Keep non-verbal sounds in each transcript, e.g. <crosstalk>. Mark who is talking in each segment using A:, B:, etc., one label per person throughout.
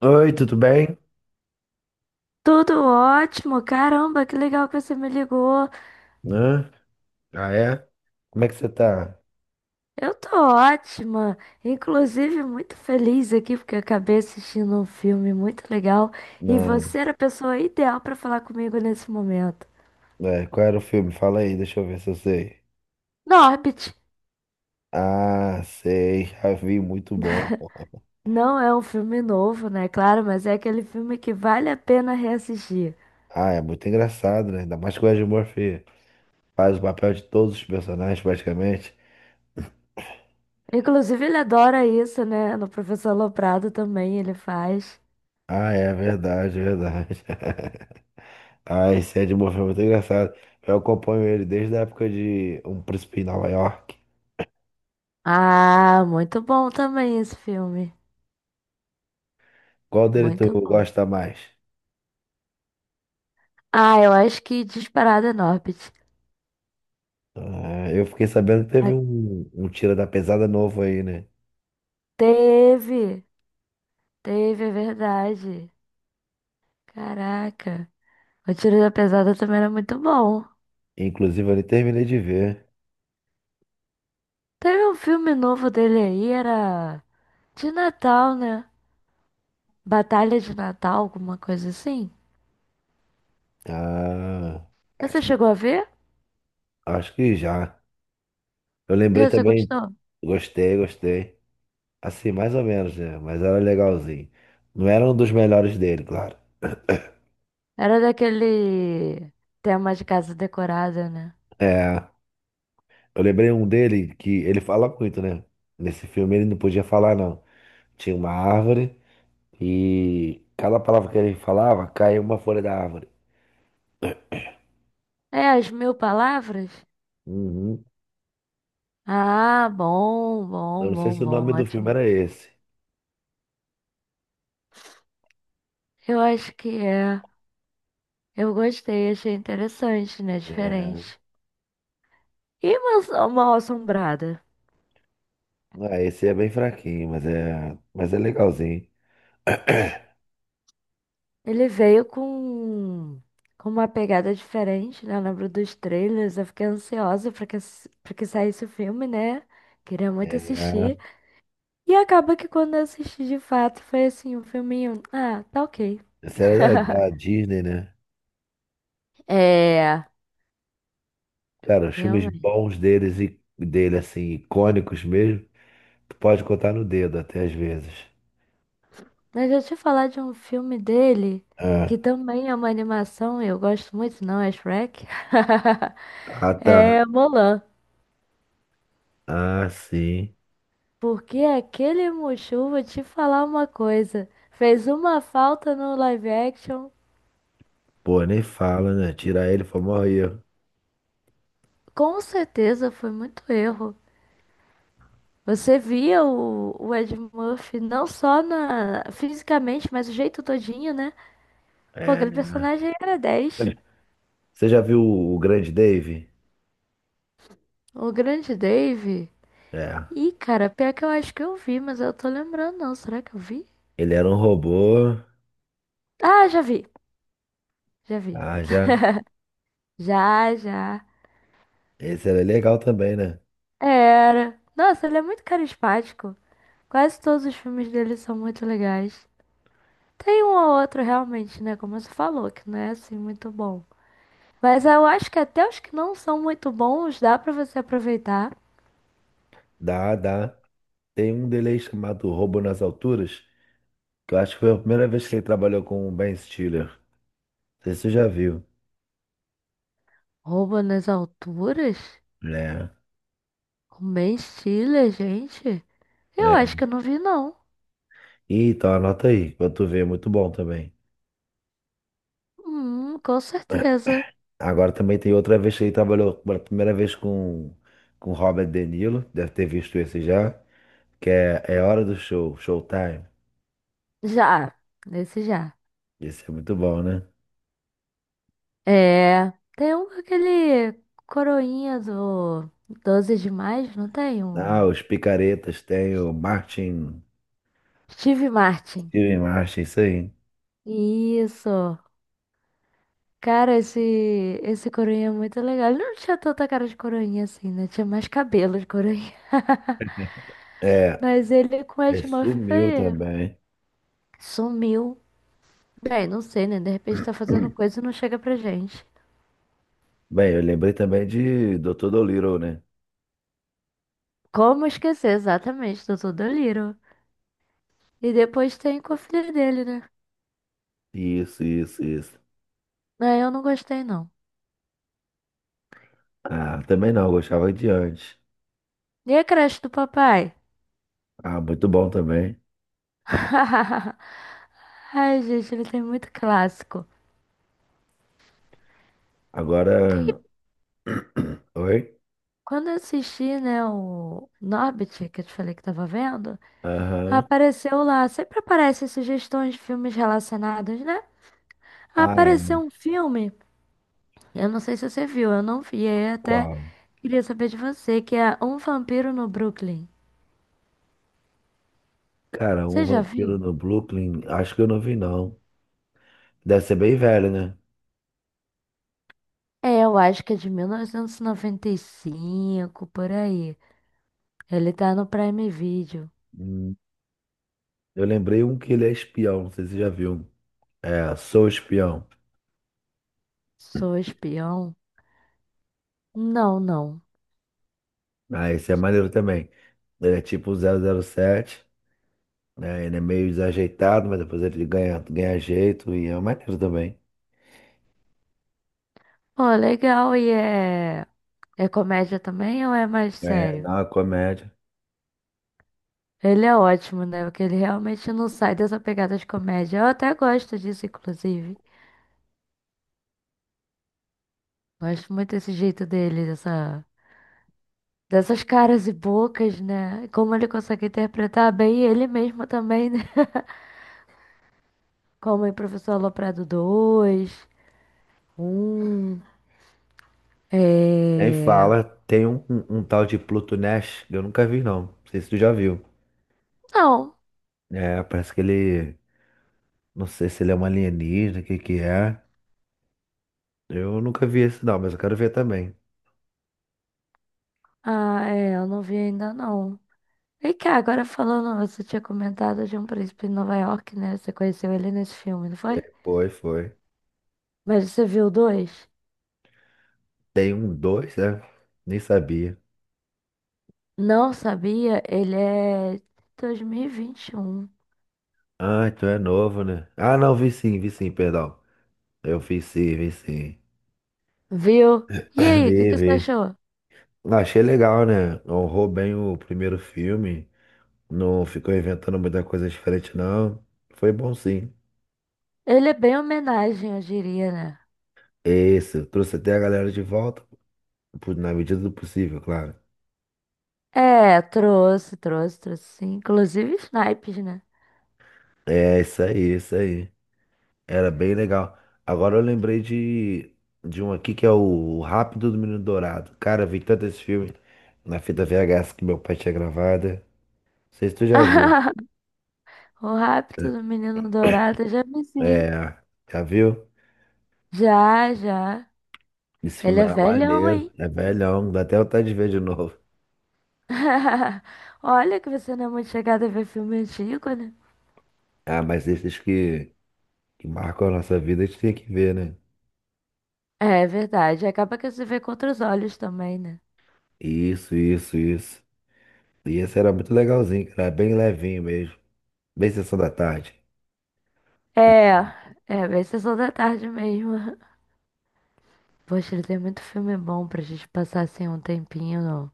A: Oi, tudo bem?
B: Tudo ótimo, caramba, que legal que você me ligou.
A: Né? Ah, é? Como é que você tá?
B: Eu tô ótima, inclusive muito feliz aqui porque eu acabei assistindo um filme muito legal e
A: Não.
B: você era a pessoa ideal pra falar comigo nesse momento.
A: É, qual era o filme? Fala aí, deixa eu ver se eu sei.
B: Norbit
A: Ah, sei, já vi, muito bom. <laughs>
B: não é um filme novo, né? Claro, mas é aquele filme que vale a pena reassistir.
A: Ah, é muito engraçado, né? Ainda mais que o Ed Murphy faz o papel de todos os personagens, praticamente.
B: Inclusive, ele adora isso, né? No Professor Loprado também ele faz.
A: Ah, é verdade, é verdade. <laughs> Ah, esse Ed Murphy é muito engraçado. Eu acompanho ele desde a época de Um Príncipe em Nova York.
B: Ah, muito bom também esse filme.
A: Qual dele tu
B: Muito bom.
A: gosta mais?
B: Ah, eu acho que disparada é Norbit.
A: Ah, eu fiquei sabendo que teve
B: Ah,
A: um Tira da Pesada novo aí, né?
B: teve, teve, é verdade. Caraca, o Tiro da Pesada também era muito bom.
A: Inclusive, eu nem terminei de ver.
B: Teve um filme novo dele aí, era de Natal, né? Batalha de Natal, alguma coisa assim.
A: Ah, acho
B: Você
A: que,
B: chegou a ver?
A: acho que já. Eu lembrei
B: Você
A: também.
B: gostou?
A: Gostei, gostei. Assim, mais ou menos, né? Mas era legalzinho. Não era um dos melhores dele, claro.
B: Era daquele tema de casa decorada, né?
A: É, eu lembrei um dele que ele fala muito, né? Nesse filme ele não podia falar, não. Tinha uma árvore e cada palavra que ele falava caía uma folha da árvore.
B: É, as mil palavras?
A: Uhum.
B: Ah, bom,
A: Eu
B: bom,
A: não sei se
B: bom,
A: o
B: bom,
A: nome do filme
B: ótimo.
A: era esse.
B: Eu acho que é. Eu gostei, achei interessante, né?
A: É,
B: Diferente. E uma Assombrada?
A: não, esse é bem fraquinho, mas é legalzinho. <clears throat>
B: Ele veio com uma pegada diferente, né? Eu lembro dos trailers, eu fiquei ansiosa pra que saísse o filme, né? Queria muito
A: É,
B: assistir. E acaba que quando eu assisti de fato, foi assim, um filminho. Ah, tá ok.
A: esse era da
B: <laughs>
A: Disney, né?
B: É,
A: Cara, os filmes
B: realmente.
A: bons deles e dele, assim, icônicos mesmo, tu pode contar no dedo até às vezes.
B: Mas deixa eu te falar de um filme dele,
A: É.
B: que também é uma animação, eu gosto muito, não é Shrek? <laughs>
A: Ah, tá.
B: É Mulan.
A: Ah, sim.
B: Porque aquele Mushu, vou te falar uma coisa, fez uma falta no live action,
A: Pô, nem fala, né? Tirar ele foi o maior erro.
B: com certeza foi muito erro. Você via o Ed Murphy não só na, fisicamente, mas o jeito todinho, né? Pô, aquele
A: É.
B: personagem era 10.
A: Você já viu o Grande Dave?
B: O grande Dave.
A: É.
B: Ih, cara, pior que eu acho que eu vi, mas eu tô lembrando não. Será que eu vi?
A: Ele era um robô.
B: Ah, já vi, já vi.
A: Ah, já.
B: Já, já.
A: Esse era legal também, né?
B: Era. Nossa, ele é muito carismático. Quase todos os filmes dele são muito legais. Tem um ou outro realmente, né? Como você falou, que não é assim muito bom. Mas eu acho que até os que não são muito bons, dá pra você aproveitar.
A: Dá, dá. Tem um dele aí chamado Roubo nas Alturas, que eu acho que foi a primeira vez que ele trabalhou com o Ben Stiller. Não sei se você já viu,
B: Rouba nas alturas?
A: né?
B: Com Ben Stiller, gente? Eu acho
A: É.
B: que eu não vi, não.
A: Ih, então anota aí, pra tu ver, é muito bom também.
B: Com certeza.
A: Agora também tem outra vez que ele trabalhou pela primeira vez com Robert De Niro, deve ter visto esse já, que é Hora do Show, Showtime.
B: Já, esse já.
A: Esse é muito bom, né?
B: É, tem um com aquele coroinha do 12 de mais, não tem?
A: Ah,
B: Um
A: os Picaretas tem o Martin,
B: Steve Martin.
A: Steven Martin, isso aí.
B: Isso. Cara, esse coroinha é muito legal. Ele não tinha tanta cara de coroinha assim, né? Tinha mais cabelo de coroinha. <laughs>
A: É,
B: Mas ele com
A: ele
B: Edmuff
A: sumiu
B: foi-
A: também.
B: sumiu. Bem, não sei, né? De repente tá fazendo
A: <clears throat>
B: coisa e não chega pra gente.
A: Bem, eu lembrei também de Dr. Dolittle, né?
B: Como esquecer exatamente do Tudo Little? E depois tem com a filha dele, né?
A: Isso, isso, isso.
B: Ah, eu não gostei, não.
A: Ah, também não, eu gostava de antes.
B: E a creche do papai?
A: Ah, muito bom também.
B: <laughs> Ai, gente, ele tem muito clássico.
A: Agora. <clears throat> Oi?
B: Quando eu assisti, né, o Norbit, que eu te falei que tava vendo.
A: Aham.
B: Apareceu lá, sempre aparecem sugestões de filmes relacionados, né?
A: Ah,
B: Apareceu
A: é.
B: um filme, eu não sei se você viu, eu não vi, aí até
A: Qual?
B: queria saber de você, que é Um Vampiro no Brooklyn.
A: Cara, um
B: Você já
A: vampiro
B: viu?
A: no Brooklyn, acho que eu não vi, não. Deve ser bem velho, né?
B: É, eu acho que é de 1995, por aí. Ele tá no Prime Video.
A: Hum, eu lembrei um que ele é espião, não sei se você já viu. É, Sou Espião.
B: Sou espião? Não, não.
A: Ah, esse é maneiro também. Ele é tipo 007, né? Ele é meio desajeitado, mas depois ele ganha, ganha jeito e é maneiro também.
B: Pô, legal, e é... É comédia também ou é mais
A: É,
B: sério?
A: não, é comédia.
B: Ele é ótimo, né? Porque ele realmente não sai dessa pegada de comédia. Eu até gosto disso, inclusive. Gosto muito desse jeito dele, dessas caras e bocas, né? Como ele consegue interpretar bem ele mesmo também, né? <laughs> Como em Professor Aloprado dois, um,
A: E aí
B: é...
A: fala, tem um tal de Pluto Nash, que eu nunca vi não. Não sei se tu já viu.
B: Não.
A: É, parece que ele. Não sei se ele é um alienígena, o que que é. Eu nunca vi esse não, mas eu quero ver também.
B: Ah, é, eu não vi ainda, não. E cá, agora falando, você tinha comentado de Um Príncipe em Nova York, né? Você conheceu ele nesse filme, não foi?
A: Foi, foi.
B: Mas você viu o dois?
A: Tem um dois, né? Nem sabia.
B: Não sabia, ele é 2021.
A: Ah, então é novo, né? Ah, não, vi sim, perdão. Eu vi sim, vi sim. <clears throat>
B: Viu? E
A: <laughs>
B: aí, o que
A: Vi,
B: que você
A: vi.
B: achou?
A: Achei legal, né? Honrou bem o primeiro filme. Não ficou inventando muita coisa diferente, não. Foi bom, sim.
B: Ele é bem homenagem, eu diria, né?
A: Esse, trouxe até a galera de volta, pô, na medida do possível, claro.
B: É, trouxe, trouxe, trouxe sim. Inclusive snipes, né?
A: É, isso aí, é isso aí. Era bem legal. Agora eu lembrei de um aqui que é o Rápido do Menino Dourado. Cara, eu vi tanto esse filme na fita VHS que meu pai tinha gravada. Não sei se tu já viu.
B: <laughs> O rapto do menino dourado, já vi sim.
A: É, já viu?
B: Já, já.
A: Esse
B: Ele
A: filme
B: é
A: era
B: velhão,
A: maneiro,
B: hein?
A: é velhão, dá até vontade de ver de <laughs> novo.
B: <laughs> Olha que você não é muito chegada a ver filme antigo, né?
A: Ah, mas esses que marcam a nossa vida, a gente tem que ver, né?
B: É verdade. Acaba que você vê com outros olhos também, né?
A: Isso, isso, isso. E esse era muito legalzinho, cara. Era bem levinho mesmo. Bem sessão da tarde.
B: É, é bem sessão da tarde mesmo. <laughs> Poxa, ele tem muito filme bom pra gente passar assim um tempinho,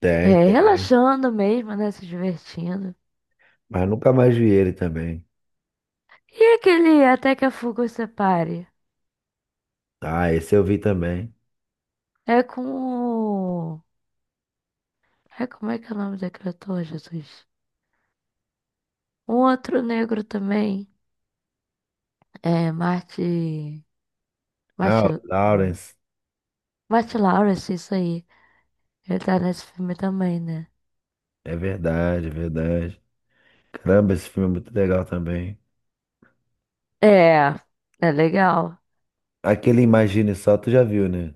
A: Tem,
B: é,
A: tem.
B: relaxando mesmo, né? Se divertindo.
A: Mas nunca mais vi ele também.
B: E aquele Até que a Fuga Os Separe?
A: Ah, esse eu vi também.
B: É com o... É, como é que é o nome daquele ator, Jesus? Um outro negro também. É, Marty...
A: Ah,
B: Marty...
A: o Lawrence.
B: Marty Lawrence, isso aí. Ele tá nesse filme também, né?
A: É verdade, é verdade. Caramba, esse filme é muito legal também.
B: É, é legal.
A: Aquele Imagine Só, tu já viu, né?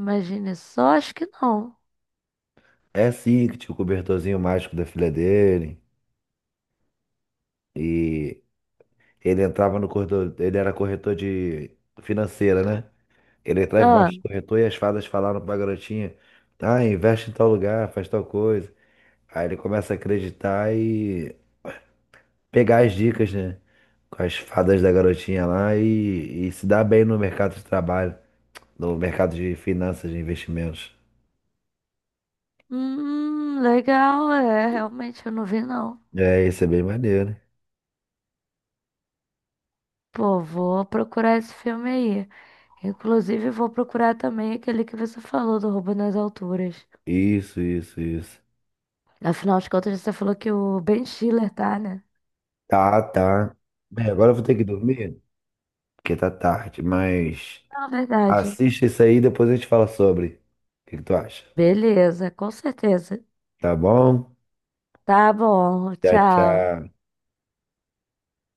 B: Imagine só, acho que não.
A: É sim, que tinha o cobertorzinho mágico da filha dele. E ele entrava no corretor. Ele era corretor de financeira, né? Ele atrás
B: Ah,
A: baixo do corretor e as fadas falaram pra garotinha: Ah, investe em tal lugar, faz tal coisa. Aí ele começa a acreditar e pegar as dicas, né? Com as fadas da garotinha lá e se dar bem no mercado de trabalho, no mercado de finanças, de investimentos.
B: legal, é, realmente eu não vi não.
A: É, isso é bem maneiro.
B: Pô, vou procurar esse filme aí. Inclusive, vou procurar também aquele que você falou do Roubo nas Alturas.
A: Isso, isso, isso.
B: Afinal de contas, você falou que o Ben Stiller tá, né?
A: Tá, tá. Bem, agora eu vou ter que dormir, porque tá tarde, mas
B: Não, verdade.
A: assista isso aí e depois a gente fala sobre. O que que tu acha?
B: Beleza, com certeza.
A: Tá bom?
B: Tá bom,
A: Tchau,
B: tchau.
A: tchau.